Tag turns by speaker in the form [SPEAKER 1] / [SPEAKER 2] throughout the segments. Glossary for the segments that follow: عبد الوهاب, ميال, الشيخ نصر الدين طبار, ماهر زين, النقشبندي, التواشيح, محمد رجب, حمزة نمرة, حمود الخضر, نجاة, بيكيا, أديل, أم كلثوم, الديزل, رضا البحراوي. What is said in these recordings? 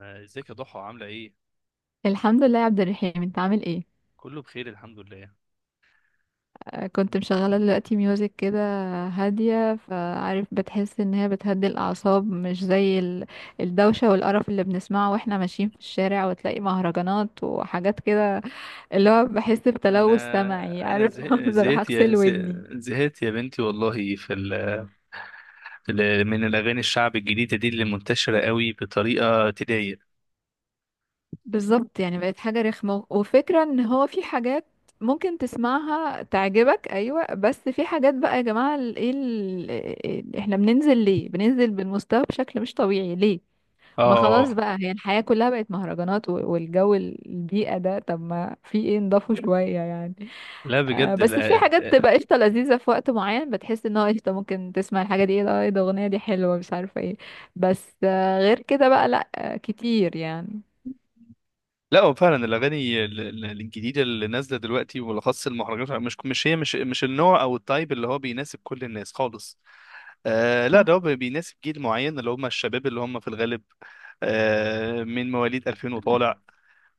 [SPEAKER 1] آه، ازيك يا ضحى عاملة ايه؟
[SPEAKER 2] الحمد لله يا عبد الرحيم، انت عامل ايه؟
[SPEAKER 1] كله بخير الحمد لله.
[SPEAKER 2] كنت مشغله دلوقتي ميوزك كده هاديه، فعارف بتحس ان هي بتهدي الاعصاب، مش زي الدوشه والقرف اللي بنسمعه واحنا ماشيين في الشارع، وتلاقي مهرجانات وحاجات كده، اللي هو بحس بتلوث سمعي،
[SPEAKER 1] انا
[SPEAKER 2] عارف؟ عاوزة اروح اغسل ودني.
[SPEAKER 1] زهقت يا بنتي والله من الاغاني الشعب الجديدة دي اللي منتشرة قوي بطريقة تضايق.
[SPEAKER 2] بالظبط، يعني بقت حاجه رخمه. وفكره ان هو في حاجات ممكن تسمعها تعجبك، ايوه، بس في حاجات بقى يا جماعه احنا بننزل ليه؟ بننزل بالمستوى بشكل مش طبيعي ليه؟ ما خلاص
[SPEAKER 1] اه
[SPEAKER 2] بقى، هي الحياة كلها بقت مهرجانات، والجو البيئة ده، طب ما في ايه نضافه شوية يعني.
[SPEAKER 1] لا
[SPEAKER 2] آه
[SPEAKER 1] بجد
[SPEAKER 2] بس في
[SPEAKER 1] لا،
[SPEAKER 2] حاجات بتبقى قشطة لذيذة في وقت معين، بتحس ان هو قشطة، ممكن تسمع الحاجة دي، ايه ده، ايه ده، اغنية دي حلوة، مش عارفة ايه. بس آه غير كده بقى لا، آه كتير يعني.
[SPEAKER 1] لا هو فعلا الاغاني الجديدة اللي نازلة دلوقتي وبالاخص المهرجانات مش مش هي مش مش النوع او التايب اللي هو بيناسب كل الناس خالص. آه لا ده
[SPEAKER 2] صح.
[SPEAKER 1] هو بيناسب جيل معين اللي هم الشباب اللي هم في الغالب آه من مواليد 2000 وطالع،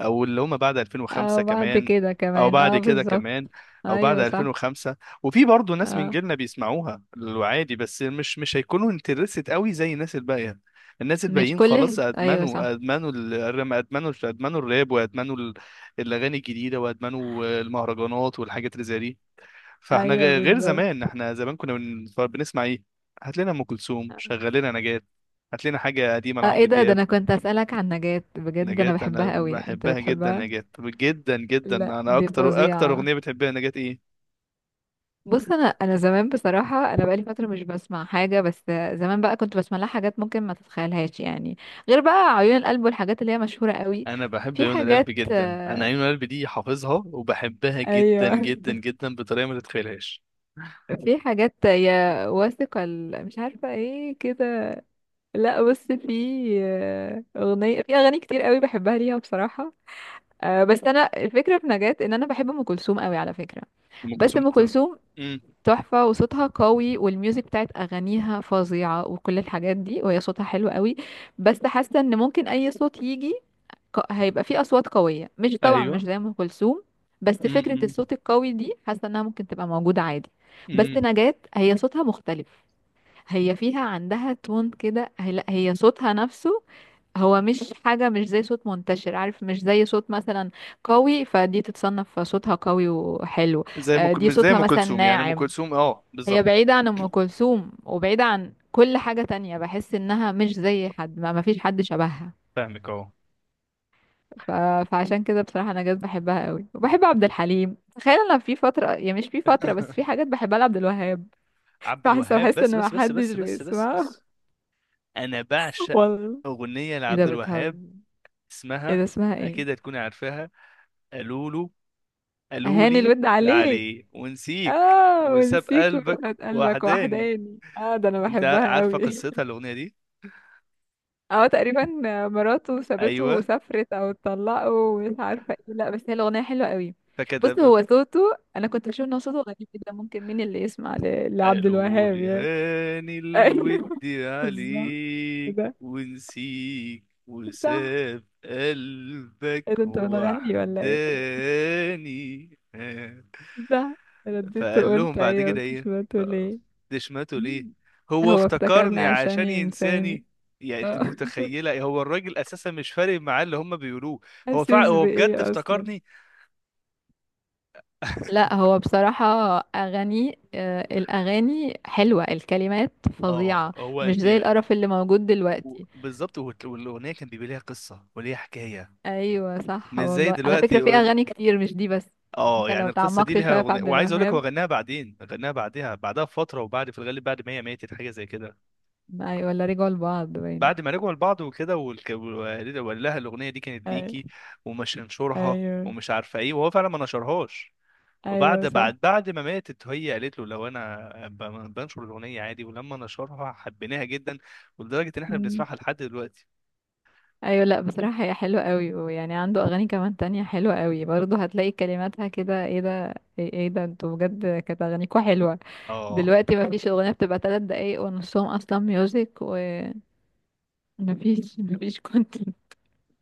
[SPEAKER 1] او اللي هم بعد 2005
[SPEAKER 2] اه بعد
[SPEAKER 1] كمان،
[SPEAKER 2] كده
[SPEAKER 1] او
[SPEAKER 2] كمان،
[SPEAKER 1] بعد
[SPEAKER 2] اه
[SPEAKER 1] كده
[SPEAKER 2] بالظبط.
[SPEAKER 1] كمان، او بعد
[SPEAKER 2] ايوه صح.
[SPEAKER 1] 2005. وفي برضه ناس من
[SPEAKER 2] اه
[SPEAKER 1] جيلنا بيسمعوها عادي، بس مش هيكونوا انترست قوي زي الناس الباقيه. الناس
[SPEAKER 2] مش
[SPEAKER 1] الباقيين خلاص
[SPEAKER 2] كل، ايوه صح.
[SPEAKER 1] ادمنوا ال- الرم ادمنوا الراب، وادمنوا الاغاني الجديده، وادمنوا المهرجانات والحاجات اللي زي دي. فاحنا
[SPEAKER 2] ايوه
[SPEAKER 1] غير
[SPEAKER 2] بالظبط.
[SPEAKER 1] زمان، احنا زمان كنا بنسمع ايه؟ هات لنا ام كلثوم، شغل لنا نجاة، هات لنا حاجه قديمه
[SPEAKER 2] اه ايه
[SPEAKER 1] لعمرو
[SPEAKER 2] ده، ده
[SPEAKER 1] دياب.
[SPEAKER 2] انا كنت اسألك عن نجاة بجد، انا
[SPEAKER 1] نجاة انا
[SPEAKER 2] بحبها قوي، انت
[SPEAKER 1] بحبها جدا،
[SPEAKER 2] بتحبها؟
[SPEAKER 1] نجاة جدا جدا،
[SPEAKER 2] لا
[SPEAKER 1] انا
[SPEAKER 2] دي
[SPEAKER 1] اكتر اكتر
[SPEAKER 2] فظيعة.
[SPEAKER 1] اغنيه بتحبها نجاة ايه؟
[SPEAKER 2] بص، انا زمان بصراحه، انا بقالي فتره مش بسمع حاجه، بس زمان بقى كنت بسمع لها حاجات ممكن ما تتخيلهاش يعني، غير بقى عيون القلب والحاجات اللي هي مشهوره قوي.
[SPEAKER 1] انا بحب
[SPEAKER 2] في
[SPEAKER 1] عيون القلب
[SPEAKER 2] حاجات،
[SPEAKER 1] جدا، انا
[SPEAKER 2] آه،
[SPEAKER 1] عيون القلب دي حافظها وبحبها جدا
[SPEAKER 2] ايوه،
[SPEAKER 1] جدا جدا بطريقه ما تتخيلهاش.
[SPEAKER 2] في حاجات يا واثقه مش عارفه ايه كده. لا بص، في، آه، اغنيه، في اغاني كتير قوي بحبها ليها بصراحه. آه بس انا الفكره في نجاة ان انا بحب ام كلثوم قوي على فكره،
[SPEAKER 1] ام
[SPEAKER 2] بس
[SPEAKER 1] كلثوم
[SPEAKER 2] ام
[SPEAKER 1] ت-
[SPEAKER 2] كلثوم
[SPEAKER 1] امم
[SPEAKER 2] تحفة، وصوتها قوي، والميوزك بتاعت أغانيها فظيعة، وكل الحاجات دي، وهي صوتها حلو قوي. بس حاسة إن ممكن أي صوت يجي، هيبقى فيه أصوات قوية، مش طبعا مش
[SPEAKER 1] ايوه.
[SPEAKER 2] زي أم كلثوم، بس فكرة
[SPEAKER 1] امم
[SPEAKER 2] الصوت القوي دي حاسة إنها ممكن تبقى موجودة عادي. بس
[SPEAKER 1] امم
[SPEAKER 2] نجاة هي صوتها مختلف، هي فيها عندها تون كده، هي لا، هي صوتها نفسه هو مش حاجة، مش زي صوت منتشر، عارف؟ مش زي صوت مثلا قوي، فدي تتصنف صوتها قوي وحلو.
[SPEAKER 1] زي ما
[SPEAKER 2] آه دي
[SPEAKER 1] مش زي
[SPEAKER 2] صوتها
[SPEAKER 1] ام
[SPEAKER 2] مثلا
[SPEAKER 1] كلثوم، يعني ام
[SPEAKER 2] ناعم،
[SPEAKER 1] كلثوم اه
[SPEAKER 2] هي
[SPEAKER 1] بالظبط.
[SPEAKER 2] بعيدة عن أم كلثوم وبعيدة عن كل حاجة تانية، بحس إنها مش زي حد، ما مفيش حد شبهها.
[SPEAKER 1] فاهمك اهو.
[SPEAKER 2] ف... فعشان كده بصراحة نجاة بحبها قوي، وبحب عبد الحليم، تخيل أنا في فترة، يعني مش في فترة، بس في حاجات بحبها لعبد الوهاب.
[SPEAKER 1] عبد
[SPEAKER 2] بحس
[SPEAKER 1] الوهاب
[SPEAKER 2] بحس
[SPEAKER 1] بس
[SPEAKER 2] إن
[SPEAKER 1] بس بس
[SPEAKER 2] محدش
[SPEAKER 1] بس بس بس
[SPEAKER 2] بيسمعها.
[SPEAKER 1] بس. انا بعشق
[SPEAKER 2] والله.
[SPEAKER 1] اغنيه
[SPEAKER 2] ايه ده،
[SPEAKER 1] لعبد الوهاب،
[SPEAKER 2] بتهزر؟ ايه
[SPEAKER 1] اسمها
[SPEAKER 2] ده، اسمها ايه؟
[SPEAKER 1] اكيد هتكوني عارفاها. قالوا له قالوا
[SPEAKER 2] أهاني
[SPEAKER 1] لي
[SPEAKER 2] الود عليك.
[SPEAKER 1] عليه ونسيك
[SPEAKER 2] اه،
[SPEAKER 1] وساب
[SPEAKER 2] ونسيك
[SPEAKER 1] قلبك
[SPEAKER 2] وفات قلبك
[SPEAKER 1] وحداني.
[SPEAKER 2] وحداني، اه ده أنا
[SPEAKER 1] انت
[SPEAKER 2] بحبها
[SPEAKER 1] عارفه
[SPEAKER 2] قوي.
[SPEAKER 1] قصتها الاغنيه دي؟
[SPEAKER 2] اه تقريبا، مراته سابته
[SPEAKER 1] ايوه،
[SPEAKER 2] وسافرت، او اتطلقوا ومش عارفه ايه، لا بس هي الاغنيه حلوه قوي. بص
[SPEAKER 1] فكده.
[SPEAKER 2] هو صوته، انا كنت بشوف ان هو صوته غريب جدا، ممكن مين اللي يسمع لعبد
[SPEAKER 1] قالوا
[SPEAKER 2] الوهاب
[SPEAKER 1] لي
[SPEAKER 2] يعني.
[SPEAKER 1] هاني
[SPEAKER 2] ايوه
[SPEAKER 1] الود
[SPEAKER 2] بالظبط
[SPEAKER 1] عليك
[SPEAKER 2] كده.
[SPEAKER 1] ونسيك
[SPEAKER 2] صح.
[SPEAKER 1] وساب
[SPEAKER 2] ايه ده،
[SPEAKER 1] قلبك
[SPEAKER 2] انت بتغني ولا ايه؟
[SPEAKER 1] وحداني.
[SPEAKER 2] صح. رديت
[SPEAKER 1] فقال لهم
[SPEAKER 2] وقلت
[SPEAKER 1] بعد
[SPEAKER 2] ايوه،
[SPEAKER 1] كده
[SPEAKER 2] انت
[SPEAKER 1] ايه؟
[SPEAKER 2] سمعته ليه.
[SPEAKER 1] دشمته ليه؟
[SPEAKER 2] مم.
[SPEAKER 1] هو
[SPEAKER 2] هو افتكرني
[SPEAKER 1] افتكرني
[SPEAKER 2] عشان
[SPEAKER 1] عشان ينساني.
[SPEAKER 2] ينساني.
[SPEAKER 1] يعني انت
[SPEAKER 2] اه
[SPEAKER 1] متخيله، هو الراجل اساسا مش فارق معاه اللي هم بيقولوه.
[SPEAKER 2] حاسس
[SPEAKER 1] هو بجد
[SPEAKER 2] بايه اصلا؟
[SPEAKER 1] افتكرني.
[SPEAKER 2] لا هو بصراحة أغاني، آه، الأغاني حلوة، الكلمات
[SPEAKER 1] اه
[SPEAKER 2] فظيعة،
[SPEAKER 1] هو
[SPEAKER 2] مش
[SPEAKER 1] انت
[SPEAKER 2] زي القرف اللي موجود دلوقتي.
[SPEAKER 1] بالظبط، والاغنيه كان بيبقى ليها قصه وليها حكايه،
[SPEAKER 2] أيوة صح،
[SPEAKER 1] مش زي
[SPEAKER 2] والله على
[SPEAKER 1] دلوقتي
[SPEAKER 2] فكرة في
[SPEAKER 1] يقول.
[SPEAKER 2] أغاني كتير مش دي بس، يعني
[SPEAKER 1] اه،
[SPEAKER 2] انت
[SPEAKER 1] يعني
[SPEAKER 2] لو
[SPEAKER 1] القصه دي
[SPEAKER 2] تعمقت
[SPEAKER 1] ليها
[SPEAKER 2] شوية في
[SPEAKER 1] أغنية،
[SPEAKER 2] عبد
[SPEAKER 1] وعايز اقول لك هو
[SPEAKER 2] الوهاب.
[SPEAKER 1] غناها بعدين، غناها بعدها بعدها بفتره، وبعد في الغالب بعد ما هي ماتت، حاجه زي كده.
[SPEAKER 2] أيوة، ولا رجعوا لبعض باين؟
[SPEAKER 1] بعد ما رجعوا لبعض وكده وقال لها الاغنيه دي كانت ليكي،
[SPEAKER 2] أي-
[SPEAKER 1] ومش انشرها
[SPEAKER 2] أيوة.
[SPEAKER 1] ومش عارفه ايه، وهو فعلا ما نشرهاش. وبعد
[SPEAKER 2] أيوة
[SPEAKER 1] بعد بعد ما ماتت هي قالت له لو انا بنشر الاغنيه عادي، ولما نشرها حبيناها جدا، ولدرجه ان
[SPEAKER 2] صح.
[SPEAKER 1] احنا بنسمعها لحد دلوقتي.
[SPEAKER 2] ايوه لا بصراحة هي حلوة قوي، ويعني عنده اغاني كمان تانية حلوة قوي برضه، هتلاقي كلماتها كده، ايه ده، ايه، إيه ده، انتوا بجد كانت اغانيكوا حلوة.
[SPEAKER 1] اه
[SPEAKER 2] دلوقتي مفيش اغنية بتبقى تلات دقايق ونصهم اصلا ميوزك ومفيش. مفيش كنت.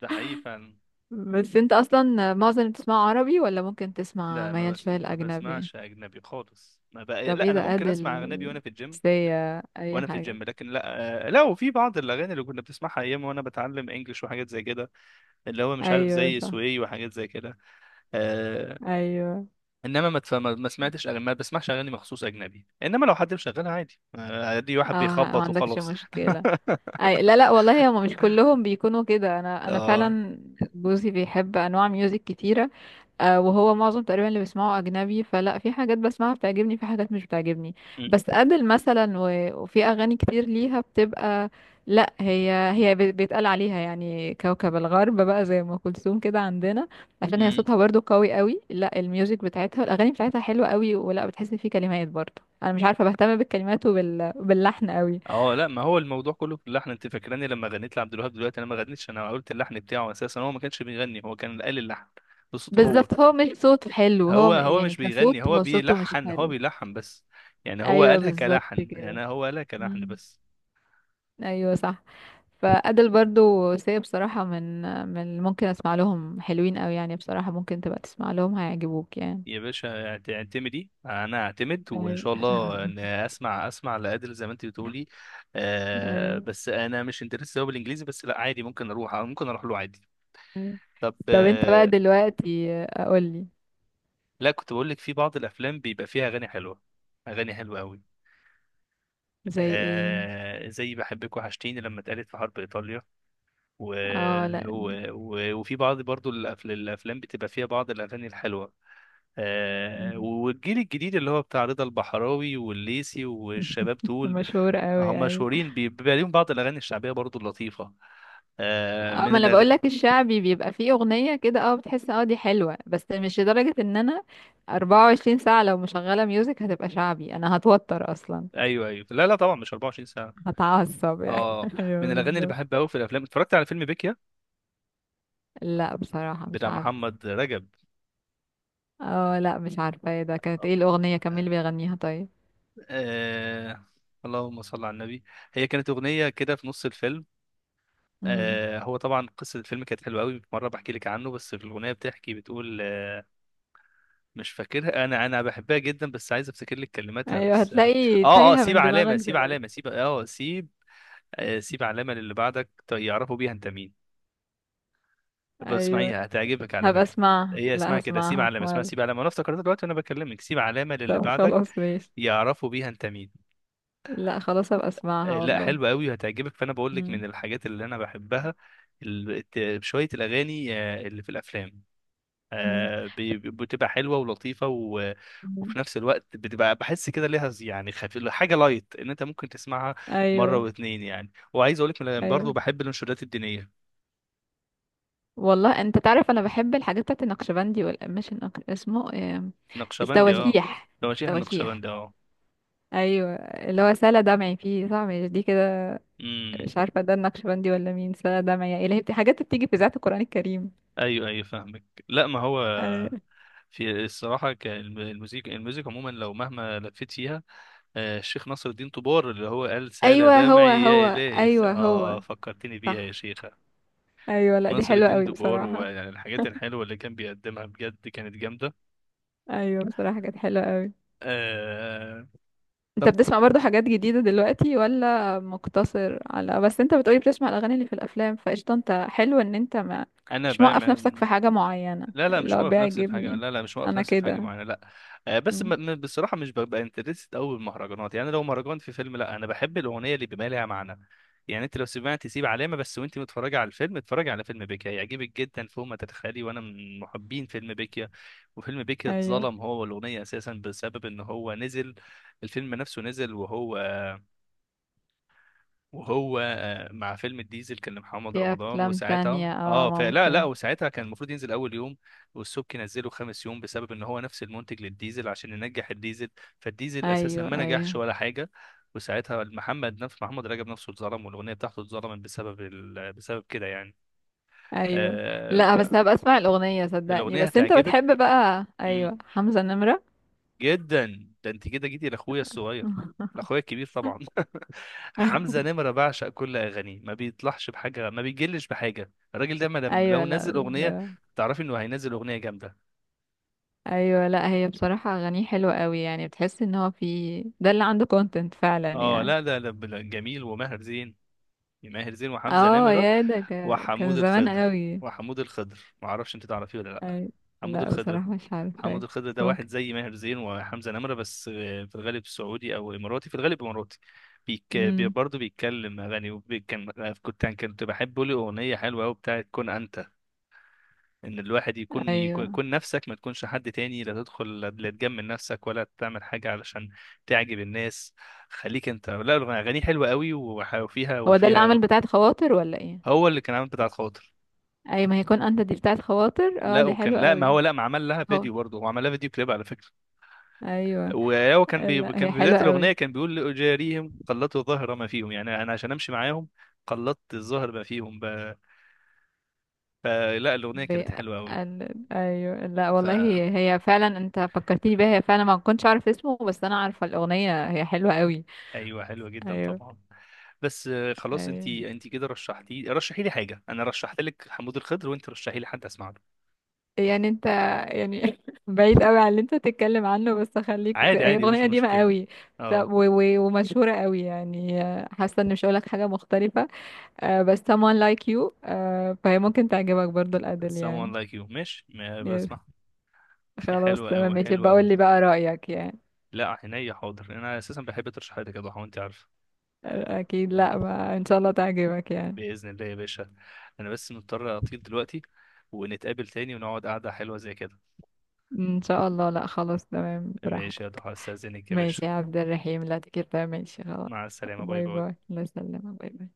[SPEAKER 1] ده حقيقي فعلا.
[SPEAKER 2] بس انت اصلا معظم اللي بتسمعه عربي، ولا ممكن تسمع
[SPEAKER 1] لا ما
[SPEAKER 2] ميال شوية
[SPEAKER 1] ما
[SPEAKER 2] الاجنبي؟
[SPEAKER 1] بسمعش اجنبي خالص، ما بقى...
[SPEAKER 2] طب
[SPEAKER 1] لا
[SPEAKER 2] ايه
[SPEAKER 1] انا
[SPEAKER 2] ده
[SPEAKER 1] ممكن اسمع اجنبي
[SPEAKER 2] ادل،
[SPEAKER 1] وانا في الجيم.
[SPEAKER 2] سيا، اي
[SPEAKER 1] وانا في
[SPEAKER 2] حاجة.
[SPEAKER 1] الجيم لكن لا، آه، لا، وفي بعض الاغاني اللي كنا بنسمعها ايام وانا بتعلم انجلش وحاجات زي كده، اللي هو مش عارف
[SPEAKER 2] ايوه
[SPEAKER 1] زي
[SPEAKER 2] صح.
[SPEAKER 1] سوي وحاجات زي كده. آه،
[SPEAKER 2] ايوه.
[SPEAKER 1] انما ما, تف- ما ما سمعتش أغاني- ما بسمعش اغاني مخصوص اجنبي، انما لو حد مشغلها عادي، عادي، واحد
[SPEAKER 2] اه. ما
[SPEAKER 1] بيخبط
[SPEAKER 2] عندكش
[SPEAKER 1] وخلاص.
[SPEAKER 2] مشكلة. أي لا لا والله، هم مش كلهم بيكونوا كده، انا
[SPEAKER 1] اه
[SPEAKER 2] فعلا جوزي بيحب انواع ميوزك كتيره. آه وهو معظم تقريبا اللي بيسمعه اجنبي، فلا في حاجات بسمعها بتعجبني، في حاجات مش بتعجبني،
[SPEAKER 1] م-
[SPEAKER 2] بس ادل مثلا، وفي اغاني كتير ليها بتبقى. لا هي، بيتقال عليها يعني كوكب الغرب بقى، زي ام كلثوم كده عندنا، عشان هي
[SPEAKER 1] م.
[SPEAKER 2] صوتها برضو قوي قوي. لا الميوزك بتاعتها، الاغاني بتاعتها حلوه قوي، ولا بتحس في كلمات برضو، انا مش عارفه بهتم بالكلمات، وباللحن قوي.
[SPEAKER 1] اه لا، ما هو الموضوع كله في اللحن. انت فاكراني لما غنيت لعبد الوهاب دلوقتي، انا ما غنيتش، انا قلت اللحن بتاعه، اساسا هو ما كانش بيغني، هو كان قال اللحن بصوته هو
[SPEAKER 2] بالظبط، هو مش صوته حلو،
[SPEAKER 1] هو هو
[SPEAKER 2] يعني
[SPEAKER 1] مش
[SPEAKER 2] كصوت
[SPEAKER 1] بيغني، هو
[SPEAKER 2] هو صوته مش
[SPEAKER 1] بيلحن، هو
[SPEAKER 2] حلو.
[SPEAKER 1] بيلحن بس. يعني هو
[SPEAKER 2] ايوه
[SPEAKER 1] قالها
[SPEAKER 2] بالظبط
[SPEAKER 1] كلحن،
[SPEAKER 2] كده.
[SPEAKER 1] يعني هو قالها كلحن
[SPEAKER 2] مم.
[SPEAKER 1] بس.
[SPEAKER 2] ايوه صح. فأدل برضو، سي، بصراحة، من اللي ممكن اسمع لهم حلوين قوي يعني، بصراحة ممكن تبقى تسمع لهم هيعجبوك يعني.
[SPEAKER 1] يا باشا اعتمدي، انا اعتمد وان
[SPEAKER 2] ايوه.
[SPEAKER 1] شاء الله ان اسمع، اسمع لادل زي ما انت بتقولي. آه
[SPEAKER 2] ايوه.
[SPEAKER 1] بس انا مش انترست قوي بالانجليزي، بس لا عادي، ممكن اروح، ممكن اروح له عادي.
[SPEAKER 2] أيوة.
[SPEAKER 1] طب
[SPEAKER 2] طب انت بقى دلوقتي. قولي.
[SPEAKER 1] لا، كنت بقول لك في بعض الافلام بيبقى فيها اغاني حلوه، اغاني حلوه قوي.
[SPEAKER 2] زي ايه؟
[SPEAKER 1] آه زي بحبك وحشتيني لما اتقالت في حرب ايطاليا، و...
[SPEAKER 2] اه لا.
[SPEAKER 1] وفي بعض برضو الافلام بتبقى فيها بعض الاغاني الحلوه. آه
[SPEAKER 2] مم.
[SPEAKER 1] والجيل الجديد اللي هو بتاع رضا البحراوي والليسي والشباب دول،
[SPEAKER 2] مشهور قوي،
[SPEAKER 1] هم
[SPEAKER 2] ايوه.
[SPEAKER 1] مشهورين، بيبقى ليهم بعض الاغاني الشعبيه برضو اللطيفه. آه
[SPEAKER 2] اه
[SPEAKER 1] من
[SPEAKER 2] ما انا
[SPEAKER 1] الأغ...
[SPEAKER 2] بقول لك الشعبي بيبقى فيه اغنيه كده، اه بتحس اه دي حلوه، بس مش لدرجه ان انا 24 ساعه لو مشغله ميوزك هتبقى شعبي، انا هتوتر اصلا،
[SPEAKER 1] ايوه ايوه، لا لا طبعا مش 24 ساعه.
[SPEAKER 2] هتعصب يعني.
[SPEAKER 1] اه من
[SPEAKER 2] ايوه
[SPEAKER 1] الاغاني اللي
[SPEAKER 2] بالظبط.
[SPEAKER 1] بحبها قوي في الافلام، اتفرجت على فيلم بيكيا
[SPEAKER 2] لا بصراحه مش
[SPEAKER 1] بتاع
[SPEAKER 2] عارفه.
[SPEAKER 1] محمد رجب.
[SPEAKER 2] اه لا مش عارفه، ايه ده، كانت ايه الاغنيه، كان مين اللي بيغنيها طيب؟
[SPEAKER 1] آه... اللهم صل على النبي، هي كانت اغنيه كده في نص الفيلم.
[SPEAKER 2] امم.
[SPEAKER 1] آه هو طبعا قصه الفيلم كانت حلوه قوي، مره بحكي لك عنه، بس في الاغنيه بتحكي، بتقول آه، مش فاكرها، انا انا بحبها جدا بس عايز افتكر لك كلماتها،
[SPEAKER 2] ايوه
[SPEAKER 1] بس
[SPEAKER 2] هتلاقي تايهه
[SPEAKER 1] سيب
[SPEAKER 2] من دماغك
[SPEAKER 1] علامه، سيب
[SPEAKER 2] دلوقتي.
[SPEAKER 1] علامه، سيب اه سيب آه، سيب علامة للي بعدك يعرفوا بيها انت مين. بس
[SPEAKER 2] ايوه
[SPEAKER 1] اسمعيها هتعجبك على
[SPEAKER 2] هبقى
[SPEAKER 1] فكرة.
[SPEAKER 2] اسمعها،
[SPEAKER 1] هي
[SPEAKER 2] لا
[SPEAKER 1] اسمها كده سيب
[SPEAKER 2] هسمعها في
[SPEAKER 1] علامة، اسمها
[SPEAKER 2] مره.
[SPEAKER 1] سيب علامة، انا افتكرتها دلوقتي وانا بكلمك، سيب علامة للي
[SPEAKER 2] طب
[SPEAKER 1] بعدك
[SPEAKER 2] خلاص ماشي.
[SPEAKER 1] يعرفوا بيها انت مين.
[SPEAKER 2] لا خلاص هبقى
[SPEAKER 1] آه،
[SPEAKER 2] اسمعها
[SPEAKER 1] لا
[SPEAKER 2] والله.
[SPEAKER 1] حلوة قوي وهتعجبك. فانا بقول لك
[SPEAKER 2] امم.
[SPEAKER 1] من الحاجات اللي انا بحبها شوية الاغاني اللي في الافلام،
[SPEAKER 2] أمم.
[SPEAKER 1] بتبقى حلوة ولطيفة
[SPEAKER 2] أمم.
[SPEAKER 1] وفي نفس الوقت بتبقى، بحس كده ليها يعني خفيف، حاجة لايت ان انت ممكن تسمعها مرة
[SPEAKER 2] ايوه.
[SPEAKER 1] واتنين يعني. وعايز اقول لك
[SPEAKER 2] ايوه
[SPEAKER 1] برضه بحب الانشودات الدينية.
[SPEAKER 2] والله، انت تعرف انا بحب الحاجات بتاعت النقشبندي والقماش، اسمه إيه؟
[SPEAKER 1] نقشبندي اه،
[SPEAKER 2] التواشيح.
[SPEAKER 1] تواشيح
[SPEAKER 2] التواشيح
[SPEAKER 1] النقشبندي اه.
[SPEAKER 2] ايوه، اللي هو سلا دمعي فيه، صح؟ مش دي كده؟
[SPEAKER 1] امم،
[SPEAKER 2] مش عارفه ده النقشبندي ولا مين، سلا دمعي يا الهي، حاجات بتيجي في ذات القران الكريم.
[SPEAKER 1] ايوه ايوه فاهمك. لا ما هو
[SPEAKER 2] ايوه
[SPEAKER 1] في الصراحه المزيك عموما لو مهما لفيت فيها، آه، الشيخ نصر الدين طبار اللي هو قال سال
[SPEAKER 2] ايوه هو
[SPEAKER 1] دمعي يا
[SPEAKER 2] هو.
[SPEAKER 1] الهي،
[SPEAKER 2] ايوه هو.
[SPEAKER 1] فكرتني بيها يا
[SPEAKER 2] صح.
[SPEAKER 1] شيخه.
[SPEAKER 2] ايوه لا دي
[SPEAKER 1] نصر
[SPEAKER 2] حلوه
[SPEAKER 1] الدين
[SPEAKER 2] قوي
[SPEAKER 1] طبار،
[SPEAKER 2] بصراحه.
[SPEAKER 1] ويعني الحاجات الحلوه اللي كان بيقدمها بجد كانت جامده.
[SPEAKER 2] ايوه بصراحه كانت حلوه قوي.
[SPEAKER 1] آه.
[SPEAKER 2] انت
[SPEAKER 1] طب
[SPEAKER 2] بتسمع برضو حاجات جديدة دلوقتي، ولا مقتصر على، بس انت بتقولي بتسمع الأغاني اللي في الأفلام، فقشطة انت، حلو ان انت ما
[SPEAKER 1] انا
[SPEAKER 2] مش
[SPEAKER 1] بقى
[SPEAKER 2] موقف نفسك في حاجة معينة،
[SPEAKER 1] لا لا،
[SPEAKER 2] اللي
[SPEAKER 1] مش
[SPEAKER 2] هو
[SPEAKER 1] واقف نفسي في حاجه،
[SPEAKER 2] بيعجبني،
[SPEAKER 1] لا لا مش واقف
[SPEAKER 2] انا
[SPEAKER 1] نفسي في حاجه
[SPEAKER 2] كده.
[SPEAKER 1] معينه لا. آه، بس
[SPEAKER 2] مم.
[SPEAKER 1] بصراحه مش ببقى انترست قوي بالمهرجانات. يعني لو مهرجان في فيلم لا، انا بحب الاغنيه اللي بيبقى لها معنى. يعني انت لو سمعت سيب علامه بس وانت متفرجه على الفيلم، اتفرجي على فيلم بيكيا هيعجبك جدا فوق ما تتخيلي، وانا من محبين فيلم بيكيا. وفيلم بيكيا
[SPEAKER 2] ايوه
[SPEAKER 1] اتظلم هو والاغنيه، اساسا بسبب ان هو نزل، الفيلم نفسه نزل، وهو وهو آه، مع فيلم الديزل كان لمحمد
[SPEAKER 2] في
[SPEAKER 1] رمضان،
[SPEAKER 2] أفلام
[SPEAKER 1] وساعتها
[SPEAKER 2] تانية، اه
[SPEAKER 1] اه فلا لا،
[SPEAKER 2] ممكن.
[SPEAKER 1] وساعتها كان المفروض ينزل اول يوم، والسبكي نزله خامس يوم بسبب ان هو نفس المنتج للديزل عشان ينجح الديزل. فالديزل اساسا
[SPEAKER 2] ايوه.
[SPEAKER 1] ما نجحش
[SPEAKER 2] ايوه.
[SPEAKER 1] ولا حاجه، وساعتها محمد، نفس محمد رجب نفسه، اتظلم والاغنيه بتاعته اتظلمت بسبب بسبب كده يعني.
[SPEAKER 2] ايوه
[SPEAKER 1] آه،
[SPEAKER 2] لا. بس هبقى اسمع الأغنية صدقني.
[SPEAKER 1] فالاغنيه
[SPEAKER 2] بس انت
[SPEAKER 1] هتعجبك
[SPEAKER 2] بتحب بقى، ايوه حمزة نمرة.
[SPEAKER 1] جدا. ده انت كده جيتي لاخويا الصغير، لاخويا الكبير طبعا. حمزة نمرة، بعشق كل اغانيه، ما بيطلعش بحاجة، ما بيجلش بحاجة، الراجل ده ما
[SPEAKER 2] ايوه
[SPEAKER 1] لو
[SPEAKER 2] لا
[SPEAKER 1] نزل اغنية
[SPEAKER 2] بصراحة.
[SPEAKER 1] تعرفي انه هينزل اغنية جامدة.
[SPEAKER 2] ايوه لا هي بصراحة اغانيه حلوة قوي، يعني بتحس ان هو في ده اللي عنده كونتنت فعلا
[SPEAKER 1] اه
[SPEAKER 2] يعني.
[SPEAKER 1] لا لا لا، جميل، وماهر زين، ماهر زين وحمزة
[SPEAKER 2] اه
[SPEAKER 1] نمرة
[SPEAKER 2] يا ده كان
[SPEAKER 1] وحمود
[SPEAKER 2] زمان
[SPEAKER 1] الخضر.
[SPEAKER 2] قوي.
[SPEAKER 1] وحمود الخضر ما اعرفش انت تعرفيه ولا لا؟
[SPEAKER 2] أي.
[SPEAKER 1] حمود
[SPEAKER 2] لا
[SPEAKER 1] الخضر،
[SPEAKER 2] بصراحة مش عارفة،
[SPEAKER 1] حمود
[SPEAKER 2] بس
[SPEAKER 1] الخضر ده واحد
[SPEAKER 2] ممكن.
[SPEAKER 1] زي ماهر زين وحمزة نمرة، بس آه، في الغالب سعودي او اماراتي، في الغالب اماراتي.
[SPEAKER 2] امم.
[SPEAKER 1] برضه بيتكلم اغاني كان، كنت كنت بحب له اغنية حلوة قوي بتاعت كن انت، ان الواحد يكون، يكون
[SPEAKER 2] ايوه
[SPEAKER 1] يكون نفسك، ما تكونش حد تاني، لا تدخل، لا تجمل نفسك ولا تعمل حاجة علشان تعجب الناس، خليك انت. لا اغاني حلوة قوي، وفيها
[SPEAKER 2] هو ده اللي عمل بتاعة خواطر ولا ايه؟
[SPEAKER 1] هو اللي كان عامل بتاعة خاطر.
[SPEAKER 2] اي ما هيكون انت، دي بتاعة خواطر، اه
[SPEAKER 1] لا
[SPEAKER 2] دي
[SPEAKER 1] وكان،
[SPEAKER 2] حلوة
[SPEAKER 1] لا ما
[SPEAKER 2] قوي.
[SPEAKER 1] هو لا، ما عمل لها
[SPEAKER 2] هو.
[SPEAKER 1] فيديو، برضه هو عمل لها فيديو كليب على فكرة.
[SPEAKER 2] ايوه.
[SPEAKER 1] وهو كان
[SPEAKER 2] لا
[SPEAKER 1] كان
[SPEAKER 2] هي
[SPEAKER 1] في بداية
[SPEAKER 2] حلوة قوي.
[SPEAKER 1] الأغنية كان بيقول لأجاريهم قلدت ظهر ما فيهم، يعني أنا عشان أمشي معاهم قلدت الظهر ما فيهم. فلا الأغنية
[SPEAKER 2] ب...
[SPEAKER 1] كانت حلوة أوي.
[SPEAKER 2] ايوه لا
[SPEAKER 1] ف
[SPEAKER 2] والله هي, هي فعلا، انت فكرتني بيها، هي فعلا ما كنتش عارف اسمه، بس انا عارفة الأغنية، هي حلوة قوي.
[SPEAKER 1] ايوه حلوة جدا
[SPEAKER 2] ايوه.
[SPEAKER 1] طبعا. بس آه، خلاص انت
[SPEAKER 2] ايوه.
[SPEAKER 1] انت كده رشحتي، رشحي لي حاجة، انا رشحت لك حمود الخضر، وانت رشحي لي حد اسمع له.
[SPEAKER 2] يعني انت، يعني بعيد قوي عن اللي انت تتكلم عنه، بس خليك
[SPEAKER 1] عادي
[SPEAKER 2] هي
[SPEAKER 1] عادي، مش
[SPEAKER 2] اغنيه قديمه
[SPEAKER 1] مشكلة.
[SPEAKER 2] قوي،
[SPEAKER 1] اه
[SPEAKER 2] ومشهوره قوي يعني، آه حاسه ان مش هقولك حاجه مختلفه، آه بس someone like you، آه فهي ممكن تعجبك برضو الادل
[SPEAKER 1] someone
[SPEAKER 2] يعني.
[SPEAKER 1] like you، ماشي ما
[SPEAKER 2] يس،
[SPEAKER 1] بسمع.
[SPEAKER 2] خلاص
[SPEAKER 1] حلوة
[SPEAKER 2] تمام
[SPEAKER 1] أوي
[SPEAKER 2] ماشي،
[SPEAKER 1] حلوة
[SPEAKER 2] بقول
[SPEAKER 1] أوي.
[SPEAKER 2] لي بقى رايك يعني.
[SPEAKER 1] لا عينيا حاضر، انا اساسا بحب ترشيحاتك يا ضحى وانت عارف.
[SPEAKER 2] آه اكيد، لا ما ان شاء الله تعجبك يعني.
[SPEAKER 1] باذن الله يا باشا، انا بس مضطر اطير دلوقتي، ونتقابل تاني ونقعد قعده حلوه زي كده.
[SPEAKER 2] ان شاء الله، لا خلاص تمام
[SPEAKER 1] ماشي
[SPEAKER 2] براحتك.
[SPEAKER 1] يا ضحى، استاذنك يا باشا.
[SPEAKER 2] ماشي يا عبد الرحيم، لا تكتر، ماشي خلاص.
[SPEAKER 1] مع السلامه، باي
[SPEAKER 2] باي باي،
[SPEAKER 1] باي.
[SPEAKER 2] الله يسلمك، باي باي.